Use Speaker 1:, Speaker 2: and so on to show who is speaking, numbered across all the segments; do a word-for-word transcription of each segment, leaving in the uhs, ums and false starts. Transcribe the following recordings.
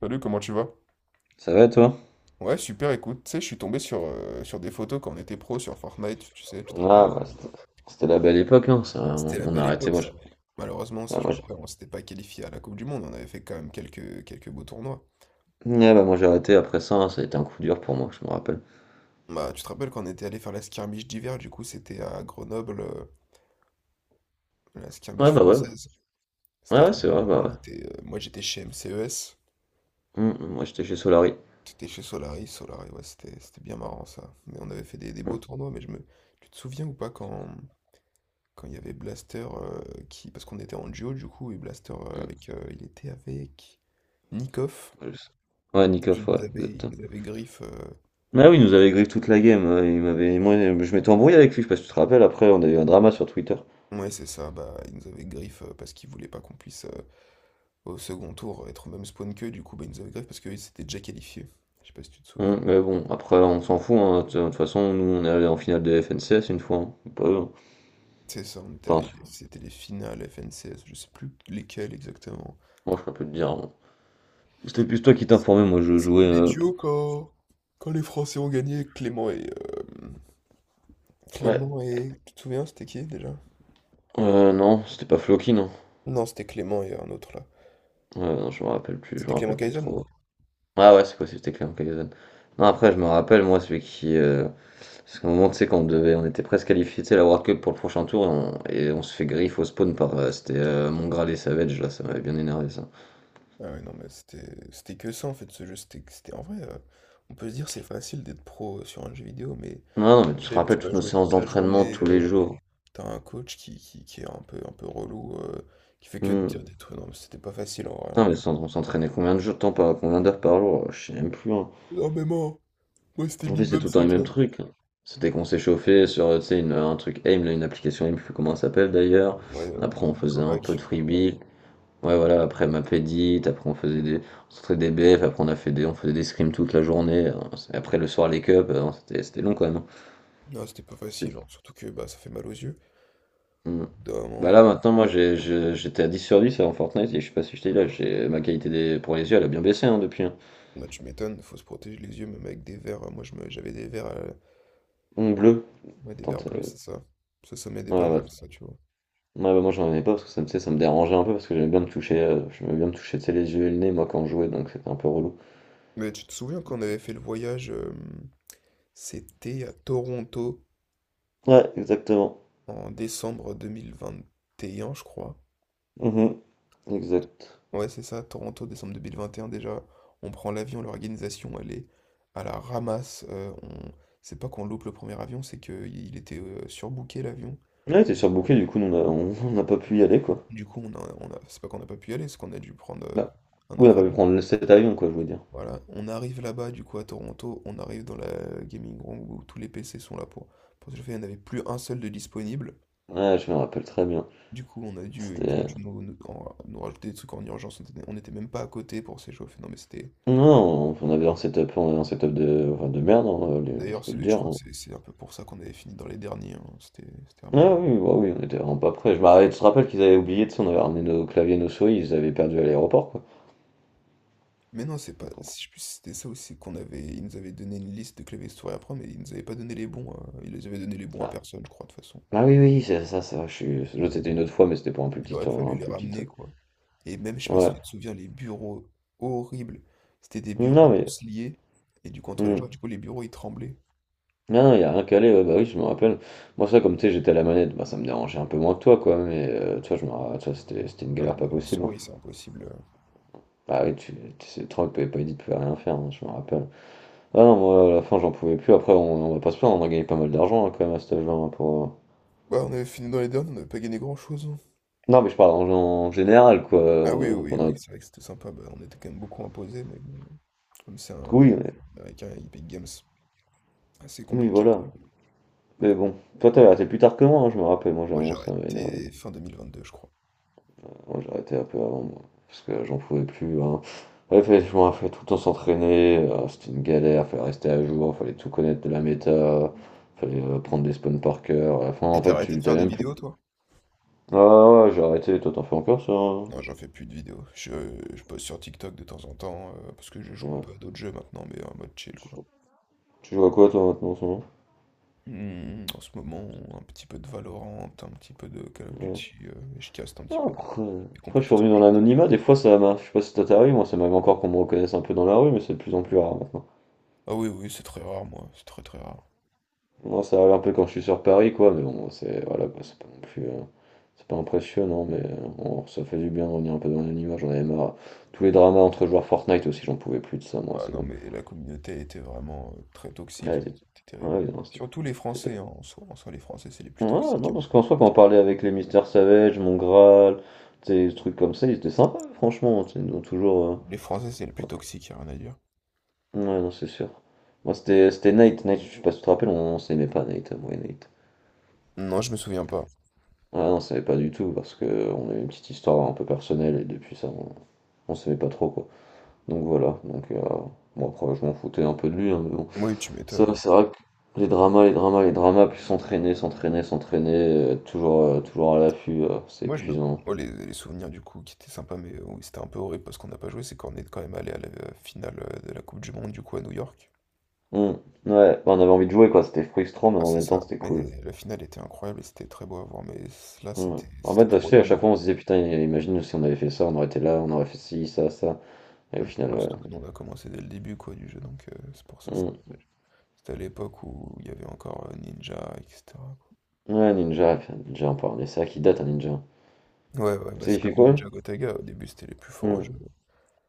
Speaker 1: Salut, comment tu vas?
Speaker 2: Ça va toi?
Speaker 1: Ouais, super, écoute, tu sais, je suis tombé sur, euh, sur des photos quand on était pro sur Fortnite, tu sais, tu te
Speaker 2: Ah,
Speaker 1: rappelles?
Speaker 2: bah, c'était c'était la belle époque, hein. Ça, on
Speaker 1: C'était la
Speaker 2: on a
Speaker 1: belle
Speaker 2: arrêté,
Speaker 1: époque,
Speaker 2: moi. je-
Speaker 1: ça. Malheureusement, ça,
Speaker 2: ah,
Speaker 1: je
Speaker 2: moi,
Speaker 1: me
Speaker 2: je-
Speaker 1: rappelle, on s'était pas qualifié à la Coupe du Monde, on avait fait quand même quelques, quelques beaux tournois.
Speaker 2: Ouais, bah, moi, j'ai arrêté après ça, hein, ça a été un coup dur pour moi, je me rappelle.
Speaker 1: Bah, tu te rappelles quand on était allé faire la skirmish d'hiver, du coup, c'était à Grenoble, euh, la skirmish
Speaker 2: Ouais, bah ouais,
Speaker 1: française.
Speaker 2: ouais,
Speaker 1: C'était
Speaker 2: ouais,
Speaker 1: trop
Speaker 2: c'est
Speaker 1: bon.
Speaker 2: vrai, bah
Speaker 1: Maintenant,
Speaker 2: ouais.
Speaker 1: on était, euh, moi, j'étais chez M C E S,
Speaker 2: Hum, hum, moi j'étais chez Solari.
Speaker 1: j'étais chez Solari, Solari, ouais, c'était c'était bien marrant, ça. Mais on avait fait des, des beaux
Speaker 2: Hum,
Speaker 1: tournois, mais je me... Tu te souviens ou pas quand... Quand il y avait Blaster euh, qui. Parce qu'on était en duo du coup, et Blaster euh,
Speaker 2: hum,
Speaker 1: avec. euh, il était avec Nikoff.
Speaker 2: je sais. Ouais,
Speaker 1: Et il
Speaker 2: Nikoff,
Speaker 1: nous
Speaker 2: ouais,
Speaker 1: avait, il
Speaker 2: exactement.
Speaker 1: nous avait griffe. euh,
Speaker 2: Ah oui, il nous avait grillé toute la game, euh, il m'avait, moi, je m'étais embrouillé avec lui, je sais pas si tu te rappelles, après on a eu un drama sur Twitter.
Speaker 1: Ouais, c'est ça, bah il nous avait griffe euh, parce qu'il voulait pas qu'on puisse euh, au second tour être au même spawn qu'eux, du coup bah il nous avait griffe parce qu'ils s'étaient déjà qualifiés. Je sais pas si tu te souviens.
Speaker 2: Hum, mais bon, après on s'en fout, hein, de toute façon, nous on est allé en finale de F N C S une fois, hein. Pas eux, hein.
Speaker 1: C'est ça, on était allé.
Speaker 2: Pas
Speaker 1: C'était les finales F N C S, je sais plus lesquelles exactement.
Speaker 2: Moi je peux plus te dire, hein. C'était plus toi qui
Speaker 1: C-
Speaker 2: t'informais, moi je jouais.
Speaker 1: C'était les
Speaker 2: euh,
Speaker 1: duos quand, quand les Français ont gagné, Clément et. euh,
Speaker 2: Ouais.
Speaker 1: Clément et. Tu te souviens, c'était qui déjà?
Speaker 2: Heu, non, c'était pas Floki, non.
Speaker 1: Non, c'était Clément et un autre là.
Speaker 2: Heu, non, je me rappelle plus, je me
Speaker 1: C'était Clément
Speaker 2: rappelle plus
Speaker 1: Kaizen, non?
Speaker 2: trop. Ah ouais, c'est possible, c'était Clément Cahuzac. Non, après, je me rappelle, moi, celui qui, heu, parce qu'à un moment, tu sais, quand on devait on était presque qualifiés, tu sais, la World Cup pour le prochain tour et on et on se fait griffe au spawn par, heu, c'était, heu, Mongrel et Savage, là, ça m'avait bien énervé, ça.
Speaker 1: Ah ouais, non, mais c'était c'était que ça en fait, ce jeu. C'était c'était- en vrai, euh, on peut se dire c'est facile d'être pro euh, sur un jeu vidéo, mais
Speaker 2: Non, non, mais tu te
Speaker 1: Glaive,
Speaker 2: rappelles
Speaker 1: tu vas
Speaker 2: toutes nos
Speaker 1: jouer
Speaker 2: séances
Speaker 1: toute la
Speaker 2: d'entraînement
Speaker 1: journée.
Speaker 2: tous les
Speaker 1: euh,
Speaker 2: jours.
Speaker 1: T'as un coach qui, qui, qui est un peu, un peu relou, euh, qui fait que de
Speaker 2: Mmh.
Speaker 1: dire des trucs. Non, mais c'était pas facile en vrai, hein.
Speaker 2: Non, mais on s'entraînait combien de jours de temps par combien d'heures par jour? Je sais même plus, hein.
Speaker 1: Non, mais moi, moi c'était
Speaker 2: En plus, c'est
Speaker 1: minimum
Speaker 2: tout le temps les
Speaker 1: cinq
Speaker 2: mêmes
Speaker 1: heures.
Speaker 2: trucs. C'était qu'on s'échauffait sur, euh, tu sais, une- un truc A I M, là, une application A I M, je sais plus comment elle s'appelle d'ailleurs.
Speaker 1: Ouais, euh,
Speaker 2: Après, on faisait un peu de
Speaker 1: Kovac.
Speaker 2: freebie. Ouais, voilà, après ma pédite, après on faisait des, on sortait des B F, après on a fait des, on faisait des scrims toute la journée. euh, c'est- Après le soir, les cups, euh, c'était, c'était long quand même, hein.
Speaker 1: Non, c'était pas facile, hein,
Speaker 2: C'est-
Speaker 1: surtout que bah, ça fait mal aux yeux. Au
Speaker 2: Hmm.
Speaker 1: bout d'un
Speaker 2: Bah là,
Speaker 1: moment,
Speaker 2: maintenant, moi, j'ai, je- j'étais à dix sur 10 en Fortnite et je sais pas si je t'ai dit là, j'ai, ma qualité des, pour les yeux, elle a bien baissé, hein, depuis, hein.
Speaker 1: bah, tu m'étonnes, faut se protéger les yeux, même avec des verres. Moi, je me, j'avais des verres.
Speaker 2: Ongle bleu.
Speaker 1: Ouais, des vers
Speaker 2: Tente,
Speaker 1: bleus, c'est
Speaker 2: euh,
Speaker 1: ça. Ça, ça m'aidait pas
Speaker 2: ouais, ouais,
Speaker 1: mal, ça, tu vois.
Speaker 2: Ouais, bah, moi j'en avais pas parce que ça me, tu sais, ça me dérangeait un peu parce que j'aimais bien me toucher, euh, j'aimais bien me toucher, tu sais, les yeux et le nez, moi quand je jouais, donc c'était un peu relou.
Speaker 1: Mais tu te souviens qu'on avait fait le voyage, euh, c'était à Toronto
Speaker 2: Ouais, exactement.
Speaker 1: en décembre deux mille vingt et un, je crois.
Speaker 2: Mhm. Exact.
Speaker 1: Ouais, c'est ça, Toronto, décembre deux mille vingt et un déjà. On prend l'avion, l'organisation, elle est à la ramasse. Euh, on... C'est pas qu'on loupe le premier avion, c'est qu'il était euh, surbooké l'avion.
Speaker 2: Ouais, t'es surbooké, du coup, nous, on a- on- on n'a pas pu y aller, quoi.
Speaker 1: Du coup, on a, on a... c'est pas qu'on n'a pas pu y aller, c'est qu'on a dû prendre euh,
Speaker 2: Bah,
Speaker 1: un
Speaker 2: on n'a
Speaker 1: autre
Speaker 2: pas pu
Speaker 1: avion.
Speaker 2: prendre le- cet avion, quoi, je veux dire.
Speaker 1: Voilà, on arrive là-bas, du coup, à Toronto, on arrive dans la gaming room où tous les P C sont là pour. Parce que le fait, il n'y en avait plus un seul de disponible.
Speaker 2: Ouais, je me rappelle très bien.
Speaker 1: Du coup, on a dû, ils ont
Speaker 2: C'était.
Speaker 1: dû nous, nous- en- nous rajouter des trucs en urgence. On était- On n'était même pas à côté pour s'échauffer. Non, mais c'était.
Speaker 2: Non, on avait un setup, on avait un setup de, enfin, de merde, hein, les- je
Speaker 1: D'ailleurs,
Speaker 2: peux le
Speaker 1: c'est- je
Speaker 2: dire,
Speaker 1: crois que
Speaker 2: hein.
Speaker 1: c'est c'est un peu pour ça qu'on avait fini dans les derniers, hein. C'était c'était vraiment.
Speaker 2: Ah oui, bah oui, on était vraiment pas prêts. Je me rappelle, tu te rappelles qu'ils avaient oublié, tu sais, on avait ramené nos claviers, nos souris, ils les avaient perdus à l'aéroport,
Speaker 1: Mais non, c'est pas. Si je puis c'était ça aussi qu'on avait. Ils nous avaient donné une liste de claviers souris à prendre, mais ils nous avaient pas donné les bons, hein. Ils les avaient donné les bons à
Speaker 2: quoi.
Speaker 1: personne, je crois, de toute façon.
Speaker 2: Ah oui, oui, c'est ça, ça, je suis l'autre, c'était une autre fois, mais c'était pour un plus
Speaker 1: Il
Speaker 2: petit
Speaker 1: aurait
Speaker 2: tour,
Speaker 1: fallu
Speaker 2: un
Speaker 1: les
Speaker 2: plus petit
Speaker 1: ramener,
Speaker 2: truc.
Speaker 1: quoi. Et même, je sais pas si
Speaker 2: Ouais.
Speaker 1: tu te souviens, les bureaux horribles. C'était des bureaux
Speaker 2: Non, mais.
Speaker 1: tous liés. Et du coup, entre les
Speaker 2: hmm.
Speaker 1: gens, du coup, les bureaux, ils tremblaient.
Speaker 2: Non, non, y a rien qu'à aller, ouais, bah oui, je me rappelle. Moi, ça, comme tu sais, j'étais à la manette, bah ça me dérangeait un peu moins que toi, quoi, mais euh, toi, je me ra- toi, c'était c'était une
Speaker 1: Non, non,
Speaker 2: galère pas
Speaker 1: mais la
Speaker 2: possible, hein.
Speaker 1: souris, c'est impossible.
Speaker 2: Ah oui, tu, tu sais, trop que pas dit de pouvais rien faire, hein, je me rappelle. Ah non, moi, à la fin, j'en pouvais plus. Après, on, on va pas se plaindre, on a gagné pas mal d'argent, hein, quand même, à cet âge-là, hein, pour. euh,
Speaker 1: Ouais, on avait fini dans les derniers, on n'avait pas gagné grand-chose, hein.
Speaker 2: Non, mais je parle en, en général, quoi.
Speaker 1: Ah oui,
Speaker 2: euh,
Speaker 1: oui,
Speaker 2: Pour
Speaker 1: oui,
Speaker 2: notre...
Speaker 1: c'est vrai que c'était sympa. Bah, on était quand même beaucoup imposés, mais bon, comme c'est un
Speaker 2: Oui, mais-
Speaker 1: américain, il paye Games. Assez
Speaker 2: oui,
Speaker 1: compliqué, quand
Speaker 2: voilà.
Speaker 1: même.
Speaker 2: Mais bon, toi, t'avais arrêté plus tard que moi, hein, je me rappelle. Moi, j'ai un
Speaker 1: Moi, j'ai
Speaker 2: moment, ça m'avait énervé.
Speaker 1: arrêté fin deux mille vingt deux je crois.
Speaker 2: Moi, j'ai arrêté un peu avant, moi, parce que j'en pouvais plus, hein. Ouais, fallait, je m'en fais tout le temps s'entraîner, euh, c'était une galère, fallait rester à jour, fallait tout connaître de la méta, fallait euh, prendre des spawns par cœur. À la fin,
Speaker 1: Et
Speaker 2: en
Speaker 1: t'as
Speaker 2: fait,
Speaker 1: arrêté
Speaker 2: tu
Speaker 1: de
Speaker 2: t'as
Speaker 1: faire des
Speaker 2: même plus.
Speaker 1: vidéos, toi?
Speaker 2: Ah ouais, ouais, j'ai arrêté, toi t'en fais encore ça, hein?
Speaker 1: Non, j'en fais plus de vidéos. Je, je poste sur TikTok de temps en temps, euh, parce que je joue un
Speaker 2: Ouais.
Speaker 1: peu à d'autres jeux maintenant, mais en mode chill,
Speaker 2: Tu,
Speaker 1: quoi.
Speaker 2: joues Tu joues à quoi toi maintenant en ce moment?
Speaker 1: Hmm, en ce moment, un petit peu de Valorant, un petit peu de Call of
Speaker 2: Ouais.
Speaker 1: Duty, euh, et je caste un petit
Speaker 2: Non,
Speaker 1: peu des,
Speaker 2: après,
Speaker 1: des
Speaker 2: après, je suis
Speaker 1: compétitions.
Speaker 2: revenu dans l'anonymat, des fois ça m'a. Je sais pas si ça t'arrive, moi ça m'avait encore qu'on me reconnaisse un peu dans la rue, mais c'est de plus en plus rare maintenant.
Speaker 1: Ah oui, oui, c'est très rare, moi, c'est très très rare.
Speaker 2: Non, ça arrive un peu quand je suis sur Paris, quoi, mais bon, c'est voilà, quoi, c'est pas non plus. Euh, c'est pas impressionnant, mais euh, on- ça fait du bien de revenir un peu dans l'anonymat, j'en avais marre. Tous les dramas entre joueurs Fortnite aussi, j'en pouvais plus de ça, moi,
Speaker 1: Ah
Speaker 2: c'est
Speaker 1: non,
Speaker 2: bon.
Speaker 1: mais la communauté était vraiment euh, très toxique,
Speaker 2: Ouais,
Speaker 1: hein,
Speaker 2: c'est-
Speaker 1: c'était terrible.
Speaker 2: ouais, non, c'était-
Speaker 1: Surtout les
Speaker 2: c'était-
Speaker 1: Français, hein, en soi, en soi, les Français, c'est les plus
Speaker 2: Ouais,
Speaker 1: toxiques,
Speaker 2: non,
Speaker 1: hein.
Speaker 2: parce qu'en soi, quand on parlait avec les Mister Savage, mon Graal, des trucs comme ça, ils étaient sympas, franchement, tu sais, ils ont toujours. euh,
Speaker 1: Les Français, c'est les plus toxiques, y a rien à dire.
Speaker 2: Ouais, non, c'est sûr. Moi, c'était c'était Nate, Nate, je sais pas si tu te rappelles, on, on s'aimait pas, Nate, moi et Nate.
Speaker 1: Non, je me souviens pas.
Speaker 2: Ah non, on savait pas du tout parce que on a eu une petite histoire un peu personnelle et depuis ça on, on s'aimait pas trop quoi. Donc voilà, donc euh, bon après je m'en foutais un peu de lui, hein, mais bon.
Speaker 1: Oui, tu
Speaker 2: Ça
Speaker 1: m'étonnes.
Speaker 2: c'est vrai que les dramas, les dramas, les dramas, puis s'entraîner, s'entraîner, s'entraîner, euh, toujours, euh, toujours à l'affût, euh, c'est
Speaker 1: Moi, je me...
Speaker 2: épuisant.
Speaker 1: moi, les, les souvenirs du coup qui étaient sympas, mais euh, oui, c'était un peu horrible parce qu'on n'a pas joué, c'est qu'on est quand même allé à la euh, finale euh, de la Coupe du Monde du coup à New York.
Speaker 2: Hmm, Ouais, bah, on avait envie de jouer quoi, c'était frustrant mais
Speaker 1: Ah,
Speaker 2: en
Speaker 1: c'est
Speaker 2: même
Speaker 1: ça.
Speaker 2: temps c'était
Speaker 1: Mais
Speaker 2: cool.
Speaker 1: la finale était incroyable et c'était très beau à voir. Mais c- là,
Speaker 2: Hmm.
Speaker 1: c'était
Speaker 2: En
Speaker 1: c'était
Speaker 2: fait, tu
Speaker 1: trop
Speaker 2: sais, à
Speaker 1: tôt. Bon.
Speaker 2: chaque fois on se disait putain, imagine si on avait fait ça, on aurait été là, on aurait fait ci, ça, ça. Et au
Speaker 1: Mm.
Speaker 2: final,
Speaker 1: Bah,
Speaker 2: ouais.
Speaker 1: surtout que nous, on a commencé dès le début quoi, du jeu. Donc, euh, c'est pour ça. C'était
Speaker 2: Hmm.
Speaker 1: dommage. C'était à l'époque où il y avait encore euh, Ninja, et cetera quoi.
Speaker 2: Ouais, Ninja, Ninja, on parlait ça, qui date un Ninja.
Speaker 1: Ouais, ouais,
Speaker 2: Tu
Speaker 1: bah,
Speaker 2: sais, il
Speaker 1: c'est
Speaker 2: fait
Speaker 1: comme
Speaker 2: quoi?
Speaker 1: Ninja Gotaga. Au début, c'était les plus forts au
Speaker 2: Hmm.
Speaker 1: jeu.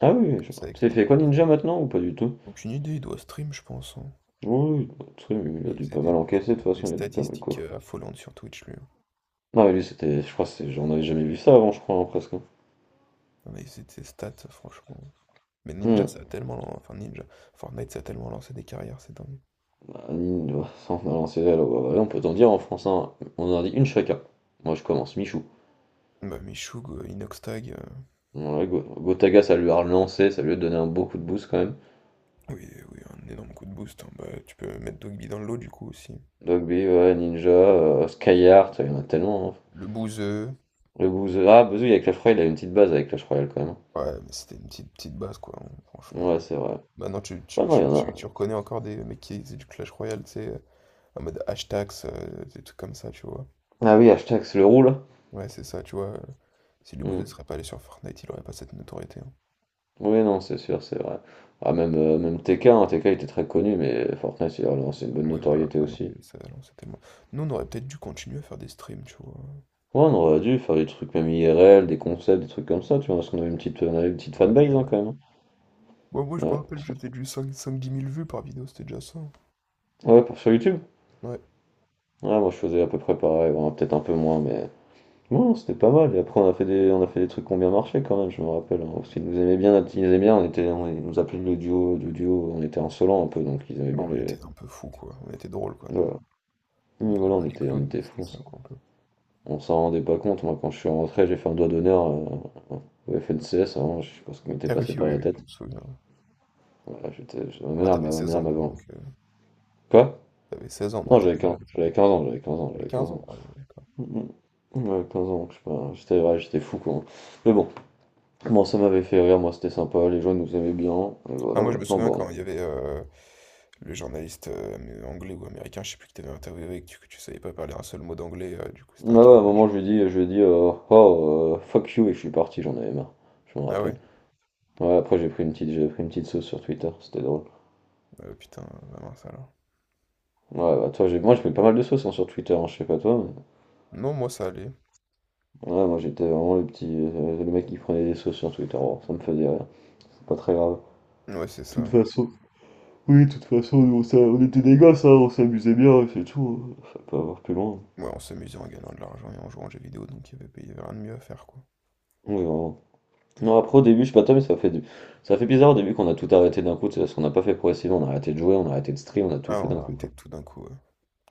Speaker 2: Ah oui, oui,
Speaker 1: Comme
Speaker 2: je-
Speaker 1: ça, avec
Speaker 2: c'est fait quoi
Speaker 1: Nikos.
Speaker 2: Ninja maintenant ou pas du tout?
Speaker 1: Aucune idée, il doit stream, je pense, hein.
Speaker 2: Oui, oui, tu sais,
Speaker 1: Parce que
Speaker 2: il
Speaker 1: lui,
Speaker 2: a
Speaker 1: il
Speaker 2: dû
Speaker 1: faisait
Speaker 2: pas
Speaker 1: des,
Speaker 2: mal
Speaker 1: des-
Speaker 2: encaisser de toute
Speaker 1: des
Speaker 2: façon, il a dû pas mal
Speaker 1: statistiques
Speaker 2: coffrer.
Speaker 1: euh, affolantes sur Twitch, lui, hein.
Speaker 2: Non mais lui c'était, je crois que c'est, j'en avais jamais vu ça avant je crois hein, presque.
Speaker 1: Non, mais c'est ses stats, franchement. Mais
Speaker 2: Hmm.
Speaker 1: Ninja, ça a tellement. lan- Enfin, Ninja. Fortnite, ça a tellement lancé des carrières, c'est dingue.
Speaker 2: Bah, Ninja, sans allant on peut t'en dire en français, hein. On en a dit une chacun. Moi je commence, Michou.
Speaker 1: Bah, Michoug, euh, Inoxtag. Euh,
Speaker 2: Ouais, Go- Gotaga ça lui a relancé, ça lui a donné un beau coup de boost quand même.
Speaker 1: Oui, oui, un énorme coup de boost, hein. Bah, tu peux mettre Dogby dans l'eau du coup aussi.
Speaker 2: Dogby, ouais, Ninja, euh, Skyheart, il y en a tellement, hein.
Speaker 1: Le bouseux.
Speaker 2: Le Bouzeux, ah Bouzeux avec Clash Royale, il a une petite base avec Clash Royale quand même.
Speaker 1: Ouais, mais c'était une petite, petite base quoi, hein, franchement.
Speaker 2: Ouais c'est vrai.
Speaker 1: Maintenant, tu,
Speaker 2: Ah
Speaker 1: tu,
Speaker 2: non, il y
Speaker 1: tu,
Speaker 2: en
Speaker 1: tu,
Speaker 2: a.
Speaker 1: tu reconnais encore des mecs qui faisaient du Clash Royale, tu sais, euh, en mode hashtags, euh, des trucs comme ça, tu vois.
Speaker 2: Ah oui, hashtag c'est le roux là.
Speaker 1: Ouais, c'est ça, tu vois. euh, Si le
Speaker 2: Hmm.
Speaker 1: bouseux serait pas allé sur Fortnite, il aurait pas cette notoriété, hein.
Speaker 2: Oui, non, c'est sûr, c'est vrai. Ah, même, euh, même T K, hein, T K était très connu, mais Fortnite, il a relancé une bonne
Speaker 1: Oui, voilà.
Speaker 2: notoriété
Speaker 1: Bah non,
Speaker 2: aussi.
Speaker 1: mais ça, non, c'est tellement. Nous, on aurait peut-être dû continuer à faire des streams, tu vois.
Speaker 2: Ouais, on aurait dû faire des trucs même I R L, des concepts, des trucs comme ça, tu vois, parce qu'on avait une petite, on avait une petite
Speaker 1: On aurait pu,
Speaker 2: fanbase hein,
Speaker 1: ouais.
Speaker 2: quand même,
Speaker 1: Bon, moi, je
Speaker 2: hein.
Speaker 1: me
Speaker 2: Ouais,
Speaker 1: rappelle,
Speaker 2: parce
Speaker 1: je
Speaker 2: que-
Speaker 1: faisais du cinq dix mille vues par vidéo, c'était déjà ça, hein.
Speaker 2: ouais, pour- Sur YouTube.
Speaker 1: Ouais.
Speaker 2: Ouais, moi je faisais à peu près pareil, bon, peut-être un peu moins, mais bon, c'était pas mal. Et après, on a fait des, on a fait des trucs qui ont bien marché quand même, je me rappelle, hein. Parce qu'ils nous aimaient bien, ils nous aimaient bien, on était, on- ils nous appelaient le duo, du duo, on était insolents un peu, donc ils aimaient bien
Speaker 1: Bon, on
Speaker 2: les.
Speaker 1: était un peu fous, quoi. On était drôles, quoi, nous.
Speaker 2: Voilà,
Speaker 1: On
Speaker 2: mais
Speaker 1: faisait
Speaker 2: voilà
Speaker 1: pas
Speaker 2: on
Speaker 1: les
Speaker 2: était, on
Speaker 1: clowns, mais
Speaker 2: était
Speaker 1: c'était
Speaker 2: fous.
Speaker 1: ça, quoi, un peu.
Speaker 2: On s'en rendait pas compte, moi quand je suis rentré, j'ai fait un doigt d'honneur euh, au F N C S, vraiment, je sais pas ce qui m'était
Speaker 1: Ah oui,
Speaker 2: passé par
Speaker 1: oui,
Speaker 2: la
Speaker 1: oui, je
Speaker 2: tête.
Speaker 1: me souviens, ouais.
Speaker 2: Voilà, j'étais, j'étais- ma
Speaker 1: Bon, là,
Speaker 2: mère,
Speaker 1: t'avais
Speaker 2: ma, ma
Speaker 1: seize
Speaker 2: mère
Speaker 1: ans,
Speaker 2: m'avait...
Speaker 1: quoi, donc... euh,
Speaker 2: Quoi?
Speaker 1: t'avais seize ans, donc
Speaker 2: Non, j'avais
Speaker 1: t'étais
Speaker 2: quinze,
Speaker 1: jeune, ça va.
Speaker 2: j'avais quinze ans, j'avais quinze ans,
Speaker 1: T'avais
Speaker 2: j'avais quinze
Speaker 1: quinze ans,
Speaker 2: ans.
Speaker 1: ah ouais, d'accord.
Speaker 2: Mhm. Ouais, quinze ans, je sais pas, j'étais ouais, j'étais fou quoi. Mais bon, bon, ça m'avait fait rire, moi c'était sympa, les gens ils nous aimaient bien, et
Speaker 1: Ah,
Speaker 2: voilà,
Speaker 1: moi, je me
Speaker 2: maintenant
Speaker 1: souviens
Speaker 2: bon.
Speaker 1: quand il y avait euh, le journaliste euh, mais anglais ou américain, je sais plus, qui t'avait interviewé et que tu, que tu savais pas parler un seul mot d'anglais, euh, du coup,
Speaker 2: Ah
Speaker 1: c'était un
Speaker 2: ouais, à un
Speaker 1: carnage.
Speaker 2: moment je lui ai dit, je lui ai dit, euh, oh, euh, fuck you, et je suis parti, j'en avais marre, je me
Speaker 1: Ah
Speaker 2: rappelle.
Speaker 1: ouais?
Speaker 2: Ouais, après j'ai pris une petite, j'ai pris une petite sauce sur Twitter, c'était drôle.
Speaker 1: Euh, putain, bah mince, alors.
Speaker 2: Ouais, bah toi, j'ai... moi je mets pas mal de sauces hein, sur Twitter, hein, je sais pas toi.
Speaker 1: Non, moi, ça allait.
Speaker 2: Mais... Ouais, moi j'étais vraiment le petit. Euh, le mec qui prenait des sauces sur Twitter, bon, ça me faisait rire, c'est pas très grave.
Speaker 1: Ouais, c'est
Speaker 2: De toute
Speaker 1: ça.
Speaker 2: façon, oui, de toute façon, nous, on, s'a- on était des gosses, hein, on s'amusait bien, et c'est tout, hein. Ça peut avoir plus loin.
Speaker 1: Ouais, on s'amusait en gagnant de l'argent et en jouant aux jeux vidéo, donc il y avait, il y avait rien de mieux à faire, quoi.
Speaker 2: Oui, vraiment. Non, après au début, je sais pas toi, mais ça fait du... ça fait bizarre au début qu'on a tout arrêté d'un coup, tu sais, parce qu'on n'a pas fait progressivement, on a arrêté de jouer, on a arrêté de stream, on a tout
Speaker 1: Ah,
Speaker 2: fait
Speaker 1: on
Speaker 2: d'un
Speaker 1: a
Speaker 2: coup,
Speaker 1: arrêté
Speaker 2: quoi.
Speaker 1: tout d'un coup, ouais.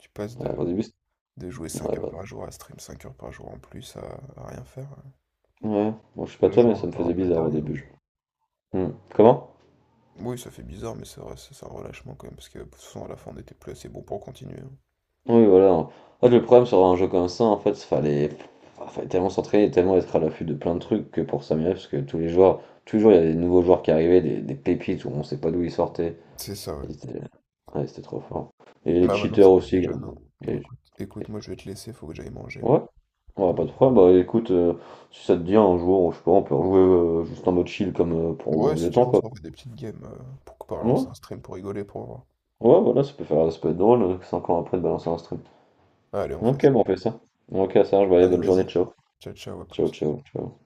Speaker 1: Tu passes
Speaker 2: Ouais,
Speaker 1: de,
Speaker 2: au début, c'était-
Speaker 1: De jouer
Speaker 2: ouais,
Speaker 1: cinq heures
Speaker 2: bah...
Speaker 1: par jour, à stream cinq heures par jour en plus, à, à rien faire, hein.
Speaker 2: Ouais, bon, je sais pas
Speaker 1: De
Speaker 2: toi,
Speaker 1: jouer
Speaker 2: mais ça me
Speaker 1: encore un
Speaker 2: faisait
Speaker 1: peu
Speaker 2: bizarre au
Speaker 1: derrière.
Speaker 2: début. je- Hmm. Comment?
Speaker 1: Oui, ça fait bizarre, mais c'est vrai, c'est c'est un relâchement quand même, parce que de toute façon, à la fin, on n'était plus assez bon pour continuer, hein.
Speaker 2: Oui, voilà. En fait, le problème sur un jeu comme ça, en fait, fallait, ah, fallait tellement s'entraîner, et tellement être à l'affût de plein de trucs que pour s'améliorer, parce que tous les joueurs, toujours il y a des nouveaux joueurs qui arrivaient, des, des pépites où on sait pas d'où ils sortaient.
Speaker 1: C'est ça, ouais.
Speaker 2: Ils étaient- ouais, c'était trop fort. Et les
Speaker 1: Bah maintenant,
Speaker 2: cheaters
Speaker 1: c'est que
Speaker 2: aussi,
Speaker 1: t'es jeune, hein.
Speaker 2: également.
Speaker 1: Bon,
Speaker 2: Et-
Speaker 1: écoute, écoute, moi, je vais te laisser, faut que j'aille manger.
Speaker 2: Ouais, ouais,
Speaker 1: Donc,
Speaker 2: pas de problème. Bah écoute, euh, si ça te dit un jour, je sais pas, on peut rejouer euh, juste en mode chill comme euh, pour au
Speaker 1: ouais,
Speaker 2: bon
Speaker 1: si
Speaker 2: vieux
Speaker 1: tu veux,
Speaker 2: temps,
Speaker 1: on
Speaker 2: quoi.
Speaker 1: s'en fait des petites games euh, pour, pour
Speaker 2: Ouais,
Speaker 1: lancer un stream pour rigoler, pour voir.
Speaker 2: ouais, voilà, ça peut faire, ça peut être drôle, euh, cinq ans après de balancer un stream.
Speaker 1: Allez, on fait
Speaker 2: Ok,
Speaker 1: ça.
Speaker 2: bon, on fait ça. Ok, ça marche, bah, allez,
Speaker 1: Allez,
Speaker 2: bonne journée,
Speaker 1: vas-y.
Speaker 2: ciao.
Speaker 1: Ciao, ciao, à
Speaker 2: Ciao,
Speaker 1: plus.
Speaker 2: ciao, ciao.